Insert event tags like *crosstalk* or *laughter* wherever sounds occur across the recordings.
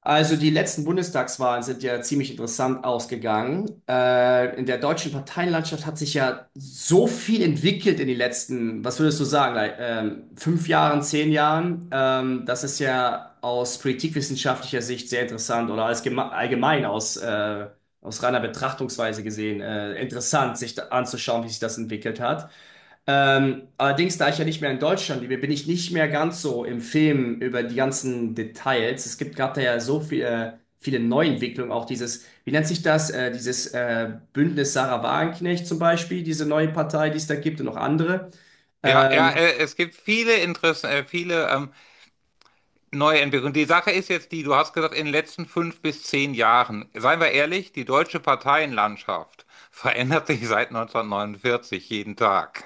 Also die letzten Bundestagswahlen sind ja ziemlich interessant ausgegangen. In der deutschen Parteienlandschaft hat sich ja so viel entwickelt in den letzten, was würdest du sagen, like, 5 Jahren, 10 Jahren. Das ist ja aus politikwissenschaftlicher Sicht sehr interessant oder als allgemein aus, aus reiner Betrachtungsweise gesehen interessant, sich da anzuschauen, wie sich das entwickelt hat. Allerdings, da ich ja nicht mehr in Deutschland lebe, bin ich nicht mehr ganz so im Film über die ganzen Details. Es gibt gerade da ja so viel, viele Neuentwicklungen, auch dieses, wie nennt sich das, dieses Bündnis Sarah Wagenknecht zum Beispiel, diese neue Partei, die es da gibt und noch andere. Ja, ja, Ähm, es gibt viele Interessen, viele neue Entwicklungen. Die Sache ist jetzt die, du hast gesagt, in den letzten fünf bis zehn Jahren, seien wir ehrlich, die deutsche Parteienlandschaft *laughs* verändert sich seit 1949 jeden Tag.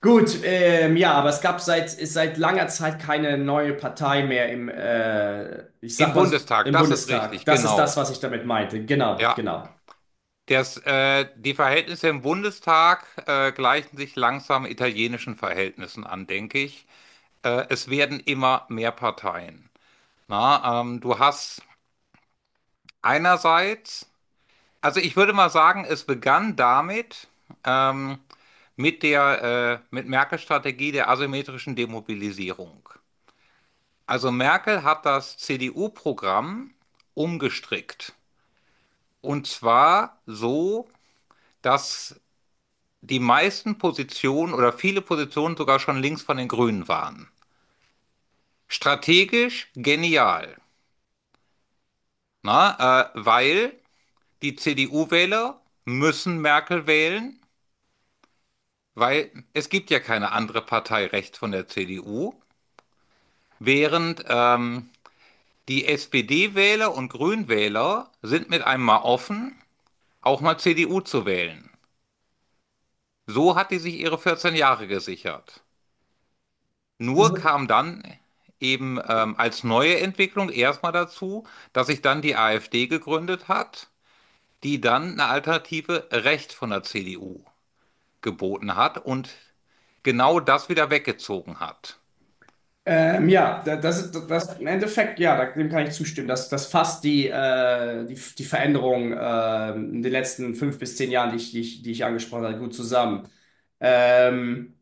gut, ja, aber es gab seit, ist seit langer Zeit keine neue Partei mehr im, ich Im sag mal, so, Bundestag, im das ist Bundestag. richtig, Das ist das, genau. was ich damit meinte. Genau, Ja, genau. das, die Verhältnisse im Bundestag gleichen sich langsam italienischen Verhältnissen an, denke ich. Es werden immer mehr Parteien. Na, du hast einerseits. Also ich würde mal sagen, es begann damit, ähm, mit der, mit Merkels Strategie der asymmetrischen Demobilisierung. Also Merkel hat das CDU-Programm umgestrickt. Und zwar so, dass die meisten Positionen oder viele Positionen sogar schon links von den Grünen waren. Strategisch genial, na, weil die CDU-Wähler müssen Merkel wählen. Weil es gibt ja keine andere Partei rechts von der CDU, während die SPD-Wähler und Grünwähler sind mit einem mal offen, auch mal CDU zu wählen. So hat die sich ihre 14 Jahre gesichert. Nur kam dann eben als neue Entwicklung erstmal dazu, dass sich dann die AfD gegründet hat, die dann eine Alternative rechts von der CDU geboten hat und genau das wieder weggezogen hat. Ja, das ist das im Endeffekt, ja, dem kann ich zustimmen. Das fasst die, die Veränderung in den letzten 5 bis 10 Jahren, die ich angesprochen habe, gut zusammen. Ähm,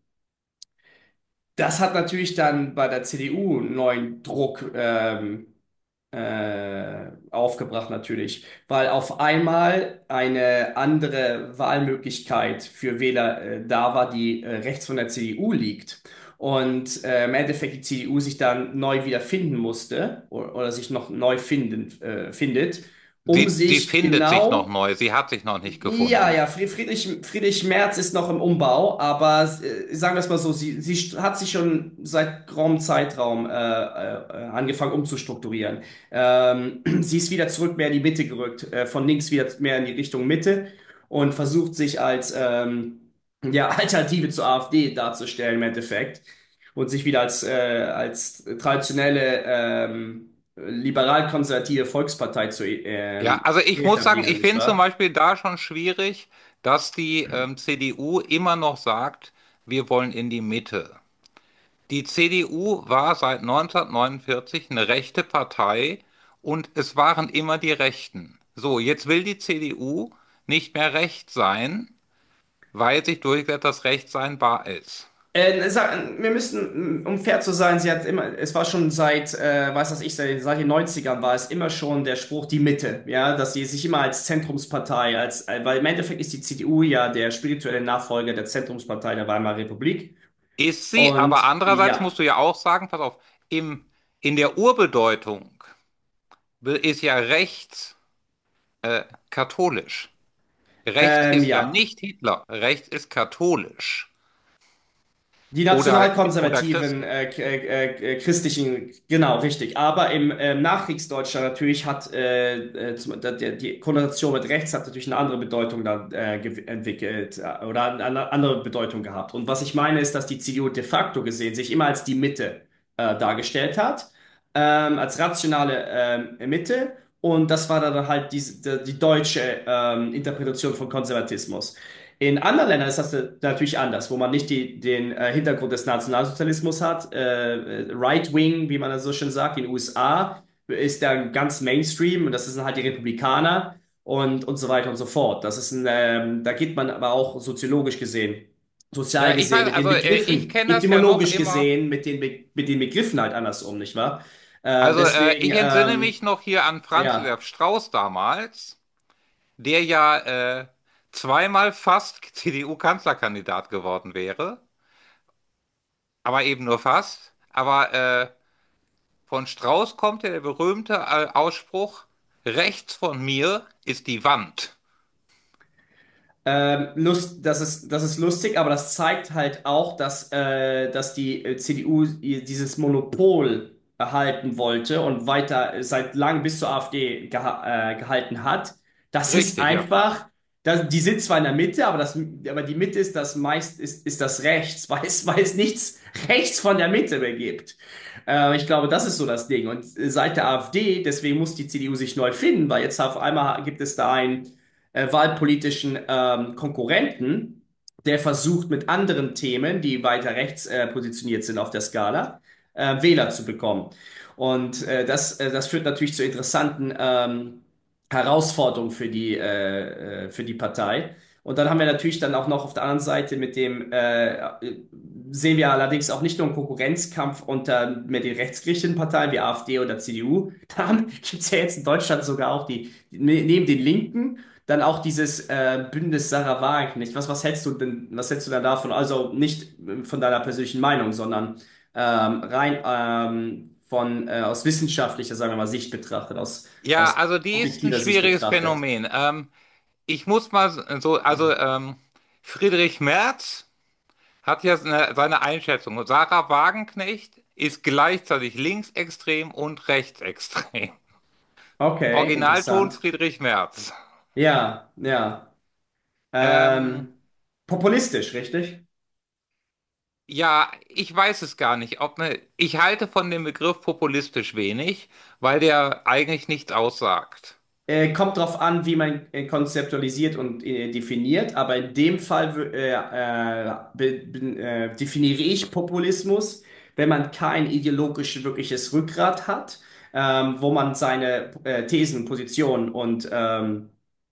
das hat natürlich dann bei der CDU einen neuen Druck. Aufgebracht natürlich, weil auf einmal eine andere Wahlmöglichkeit für Wähler da war, die rechts von der CDU liegt. Und im Endeffekt die CDU sich dann neu wiederfinden musste oder sich noch neu finden, findet, um Sie sich findet sich noch genau neu, sie hat sich noch nicht ja, ja, gefunden. Friedrich, Friedrich Merz ist noch im Umbau, aber sagen wir es mal so, sie hat sich schon seit geraumen Zeitraum angefangen umzustrukturieren. *clears throat* Sie ist wieder zurück mehr in die Mitte gerückt, von links wieder mehr in die Richtung Mitte und versucht sich als ja, *laughs* Alternative zur AfD darzustellen im Endeffekt und sich wieder als traditionelle liberal-konservative Volkspartei zu Ja, also ich muss sagen, etablieren, ich nicht finde zum wahr? Beispiel da schon schwierig, dass die CDU immer noch sagt, wir wollen in die Mitte. Die CDU war seit 1949 eine rechte Partei und es waren immer die Rechten. So, jetzt will die CDU nicht mehr recht sein, weil sich durchgesetzt, dass Recht sein wahr ist. Sag, wir müssen, um fair zu sein, sie hat immer, es war schon seit, weiß das ich, seit den 90ern war es immer schon der Spruch, die Mitte, ja, dass sie sich immer als Zentrumspartei, als, weil im Endeffekt ist die CDU ja der spirituelle Nachfolger der Zentrumspartei der Weimarer Republik. Ist sie, aber Und andererseits ja, musst du ja auch sagen, pass auf, im, in der Urbedeutung ist ja rechts äh, katholisch. Rechts ist ja ja. nicht Hitler. Rechts ist katholisch Die oder, oder nationalkonservativen christlich. Christlichen, genau, richtig. Aber im Nachkriegsdeutschland natürlich hat zum, da, der, die Konnotation mit rechts hat natürlich eine andere Bedeutung dann entwickelt oder eine andere Bedeutung gehabt. Und was ich meine ist, dass die CDU de facto gesehen sich immer als die Mitte dargestellt hat, als rationale Mitte. Und das war dann halt diese, die deutsche Interpretation von Konservatismus. In anderen Ländern ist das natürlich anders, wo man nicht die, den Hintergrund des Nationalsozialismus hat. Right Wing, wie man das so schön sagt, in den USA ist da ganz Mainstream und das sind halt die Republikaner und so weiter und so fort. Das ist ein, da geht man aber auch soziologisch gesehen, sozial Ja, ich gesehen, weiß, mit den also ich Begriffen, kenne das ja noch etymologisch immer. gesehen, mit den, Be mit den Begriffen halt anders um, nicht wahr? Äh, Also deswegen, ich entsinne mich noch hier an Franz ja. Josef Strauß damals, der ja zweimal fast *laughs* CDU-Kanzlerkandidat geworden wäre, aber eben nur fast. Aber von Strauß kommt ja der berühmte Ausspruch, rechts von mir ist die Wand. Lust, das ist, lustig, aber das zeigt halt auch, dass die CDU ihr dieses Monopol erhalten wollte und weiter seit langem bis zur AfD gehalten hat. Das ist Richtig, ja. einfach, das, die sind zwar in der Mitte, aber, das, aber die Mitte ist das meist, ist das rechts, *laughs* weil es nichts rechts von der Mitte mehr gibt. Ich glaube, das ist so das Ding. Und seit der AfD, deswegen muss die CDU sich neu finden, weil jetzt auf einmal gibt es da ein wahlpolitischen Konkurrenten, der versucht mit anderen Themen, die weiter rechts positioniert sind auf der Skala, Wähler zu bekommen. Und das führt natürlich zu interessanten Herausforderungen für die Partei. Und dann haben wir natürlich dann auch noch auf der anderen Seite mit dem, äh, sehen wir allerdings auch nicht nur einen Konkurrenzkampf unter mit den rechtsgerichteten Parteien wie AfD oder CDU. *laughs* Da gibt es ja jetzt in Deutschland sogar auch die, neben den Linken dann auch dieses Bündnis Sarah Wagenknecht. Was, was hältst du denn, was hältst du denn davon? Also nicht von deiner persönlichen Meinung, sondern rein von aus wissenschaftlicher, sagen wir mal, Sicht betrachtet, aus, Ja, aus also die ist ein objektiver Sicht schwieriges betrachtet. Phänomen. Ich muss mal so, also Friedrich Merz hat ja seine, seine Einschätzung. Und Sarah Wagenknecht ist gleichzeitig linksextrem und rechtsextrem. *laughs* Okay, Originalton interessant. Friedrich Merz. Ja, ja. Ähm, Ähm, populistisch, richtig? ja, ich weiß es gar nicht. Ob ne, ich halte von dem Begriff populistisch wenig, weil der eigentlich nichts aussagt. Kommt drauf an, wie man konzeptualisiert und definiert, aber in dem Fall definiere ich Populismus, wenn man kein ideologisch wirkliches Rückgrat hat, wo man seine Thesen, Positionen und, ähm,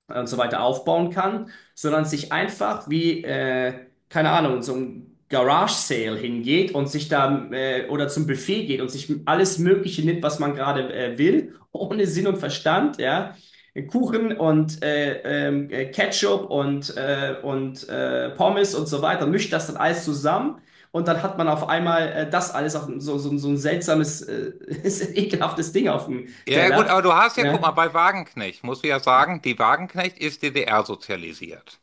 und so weiter aufbauen kann, sondern sich einfach wie, keine Ahnung, so ein Garage Sale hingeht und sich da oder zum Buffet geht und sich alles Mögliche nimmt, was man gerade will, ohne Sinn und Verstand, ja Kuchen und Ketchup und Pommes und so weiter, mischt das dann alles zusammen und dann hat man auf einmal das alles auf so, so, so ein seltsames, *laughs* ekelhaftes Ding auf dem Ja, ja, gut, Teller. aber du hast ja, guck mal, Ja, bei Wagenknecht, muss ich ja sagen, die Wagenknecht ist DDR-sozialisiert.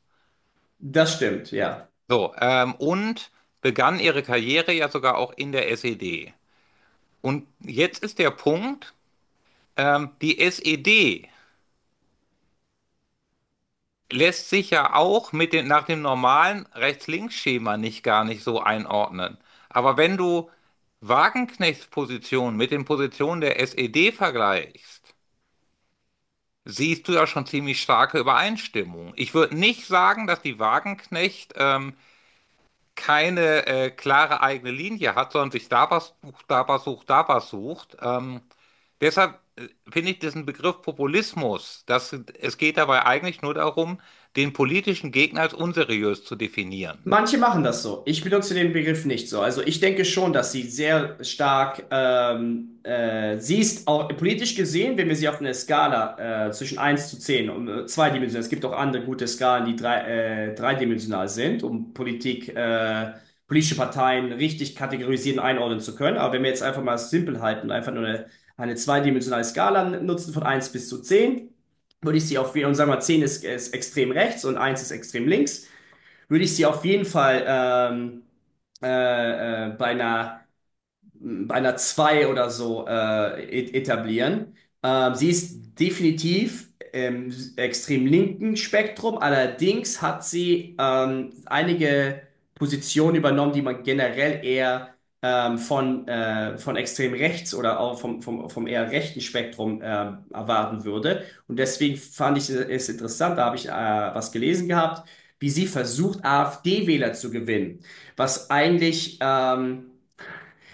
das stimmt, ja. So, und begann ihre Karriere ja sogar auch in der SED. Und jetzt ist der Punkt, die SED lässt sich ja auch mit dem, nach dem normalen Rechts-Links-Schema nicht gar nicht so einordnen. Aber wenn du Wagenknechts Position mit den Positionen der SED vergleichst, siehst du ja schon ziemlich starke Übereinstimmung. Ich würde nicht sagen, dass die Wagenknecht keine klare eigene Linie hat, sondern sich da was sucht, da was sucht, da was sucht. Deshalb finde ich diesen Begriff Populismus, dass es geht dabei eigentlich nur darum, den politischen Gegner als unseriös zu definieren. Manche machen das so. Ich benutze den Begriff nicht so. Also ich denke schon, dass sie sehr stark, sie ist auch politisch gesehen, wenn wir sie auf einer Skala zwischen 1 zu 10, und zweidimensional, es gibt auch andere gute Skalen, die dreidimensional sind, um Politik, politische Parteien richtig kategorisieren, einordnen zu können. Aber wenn wir jetzt einfach mal simpel halten, einfach nur eine zweidimensionale Skala nutzen von 1 bis zu 10, würde ich sie auf, und sagen wir mal, 10 ist extrem rechts und eins ist extrem links würde ich sie auf jeden Fall bei einer 2 oder so etablieren. Sie ist definitiv im extrem linken Spektrum, allerdings hat sie einige Positionen übernommen, die man generell eher von extrem rechts oder auch vom eher rechten Spektrum erwarten würde. Und deswegen fand ich es interessant, da habe ich was gelesen gehabt, wie sie versucht, AfD-Wähler zu gewinnen, was eigentlich... Ähm,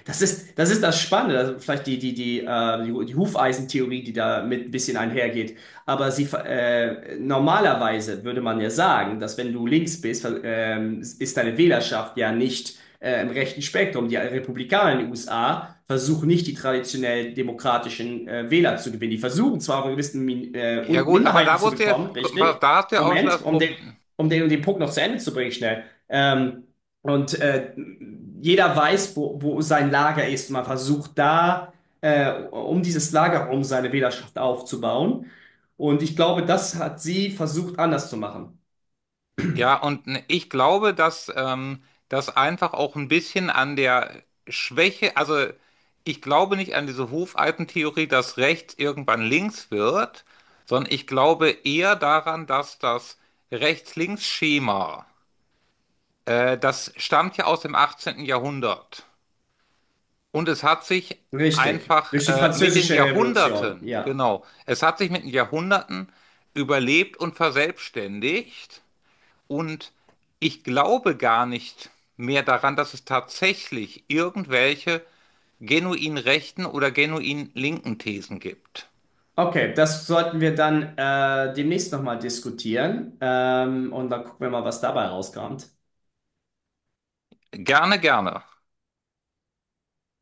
das ist, das ist, das Spannende, also vielleicht die Hufeisentheorie, die da mit ein bisschen einhergeht. Aber sie, normalerweise würde man ja sagen, dass wenn du links bist, ist deine Wählerschaft ja nicht im rechten Spektrum. Die Republikaner in den USA versuchen nicht, die traditionell demokratischen Wähler zu gewinnen. Die versuchen zwar auch gewissen Min Ja und gut, aber Minderheiten da zu musst du ja, bekommen, richtig? da hast du ja auch schon Moment, das um den, Problem. um den, um den Punkt noch zu Ende zu bringen, schnell. Und jeder weiß, wo sein Lager ist. Man versucht da, um dieses Lager herum seine Wählerschaft aufzubauen. Und ich glaube, das hat sie versucht anders zu machen. Ja, und ich glaube, dass das einfach auch ein bisschen an der Schwäche, also ich glaube nicht an diese Hufeisentheorie, dass rechts irgendwann links wird, sondern ich glaube eher daran, dass das Rechts-Links-Schema, das stammt ja aus dem 18. Jahrhundert. Und es hat sich Richtig. einfach Durch die mit den Französische Revolution. Jahrhunderten, Ja. genau, es hat sich mit den Jahrhunderten überlebt und verselbstständigt. Und ich glaube gar nicht mehr daran, dass es tatsächlich irgendwelche genuin rechten oder genuin linken Thesen gibt. Okay, das sollten wir dann demnächst nochmal diskutieren. Und dann gucken wir mal, was dabei rauskommt. Gerne, gerne.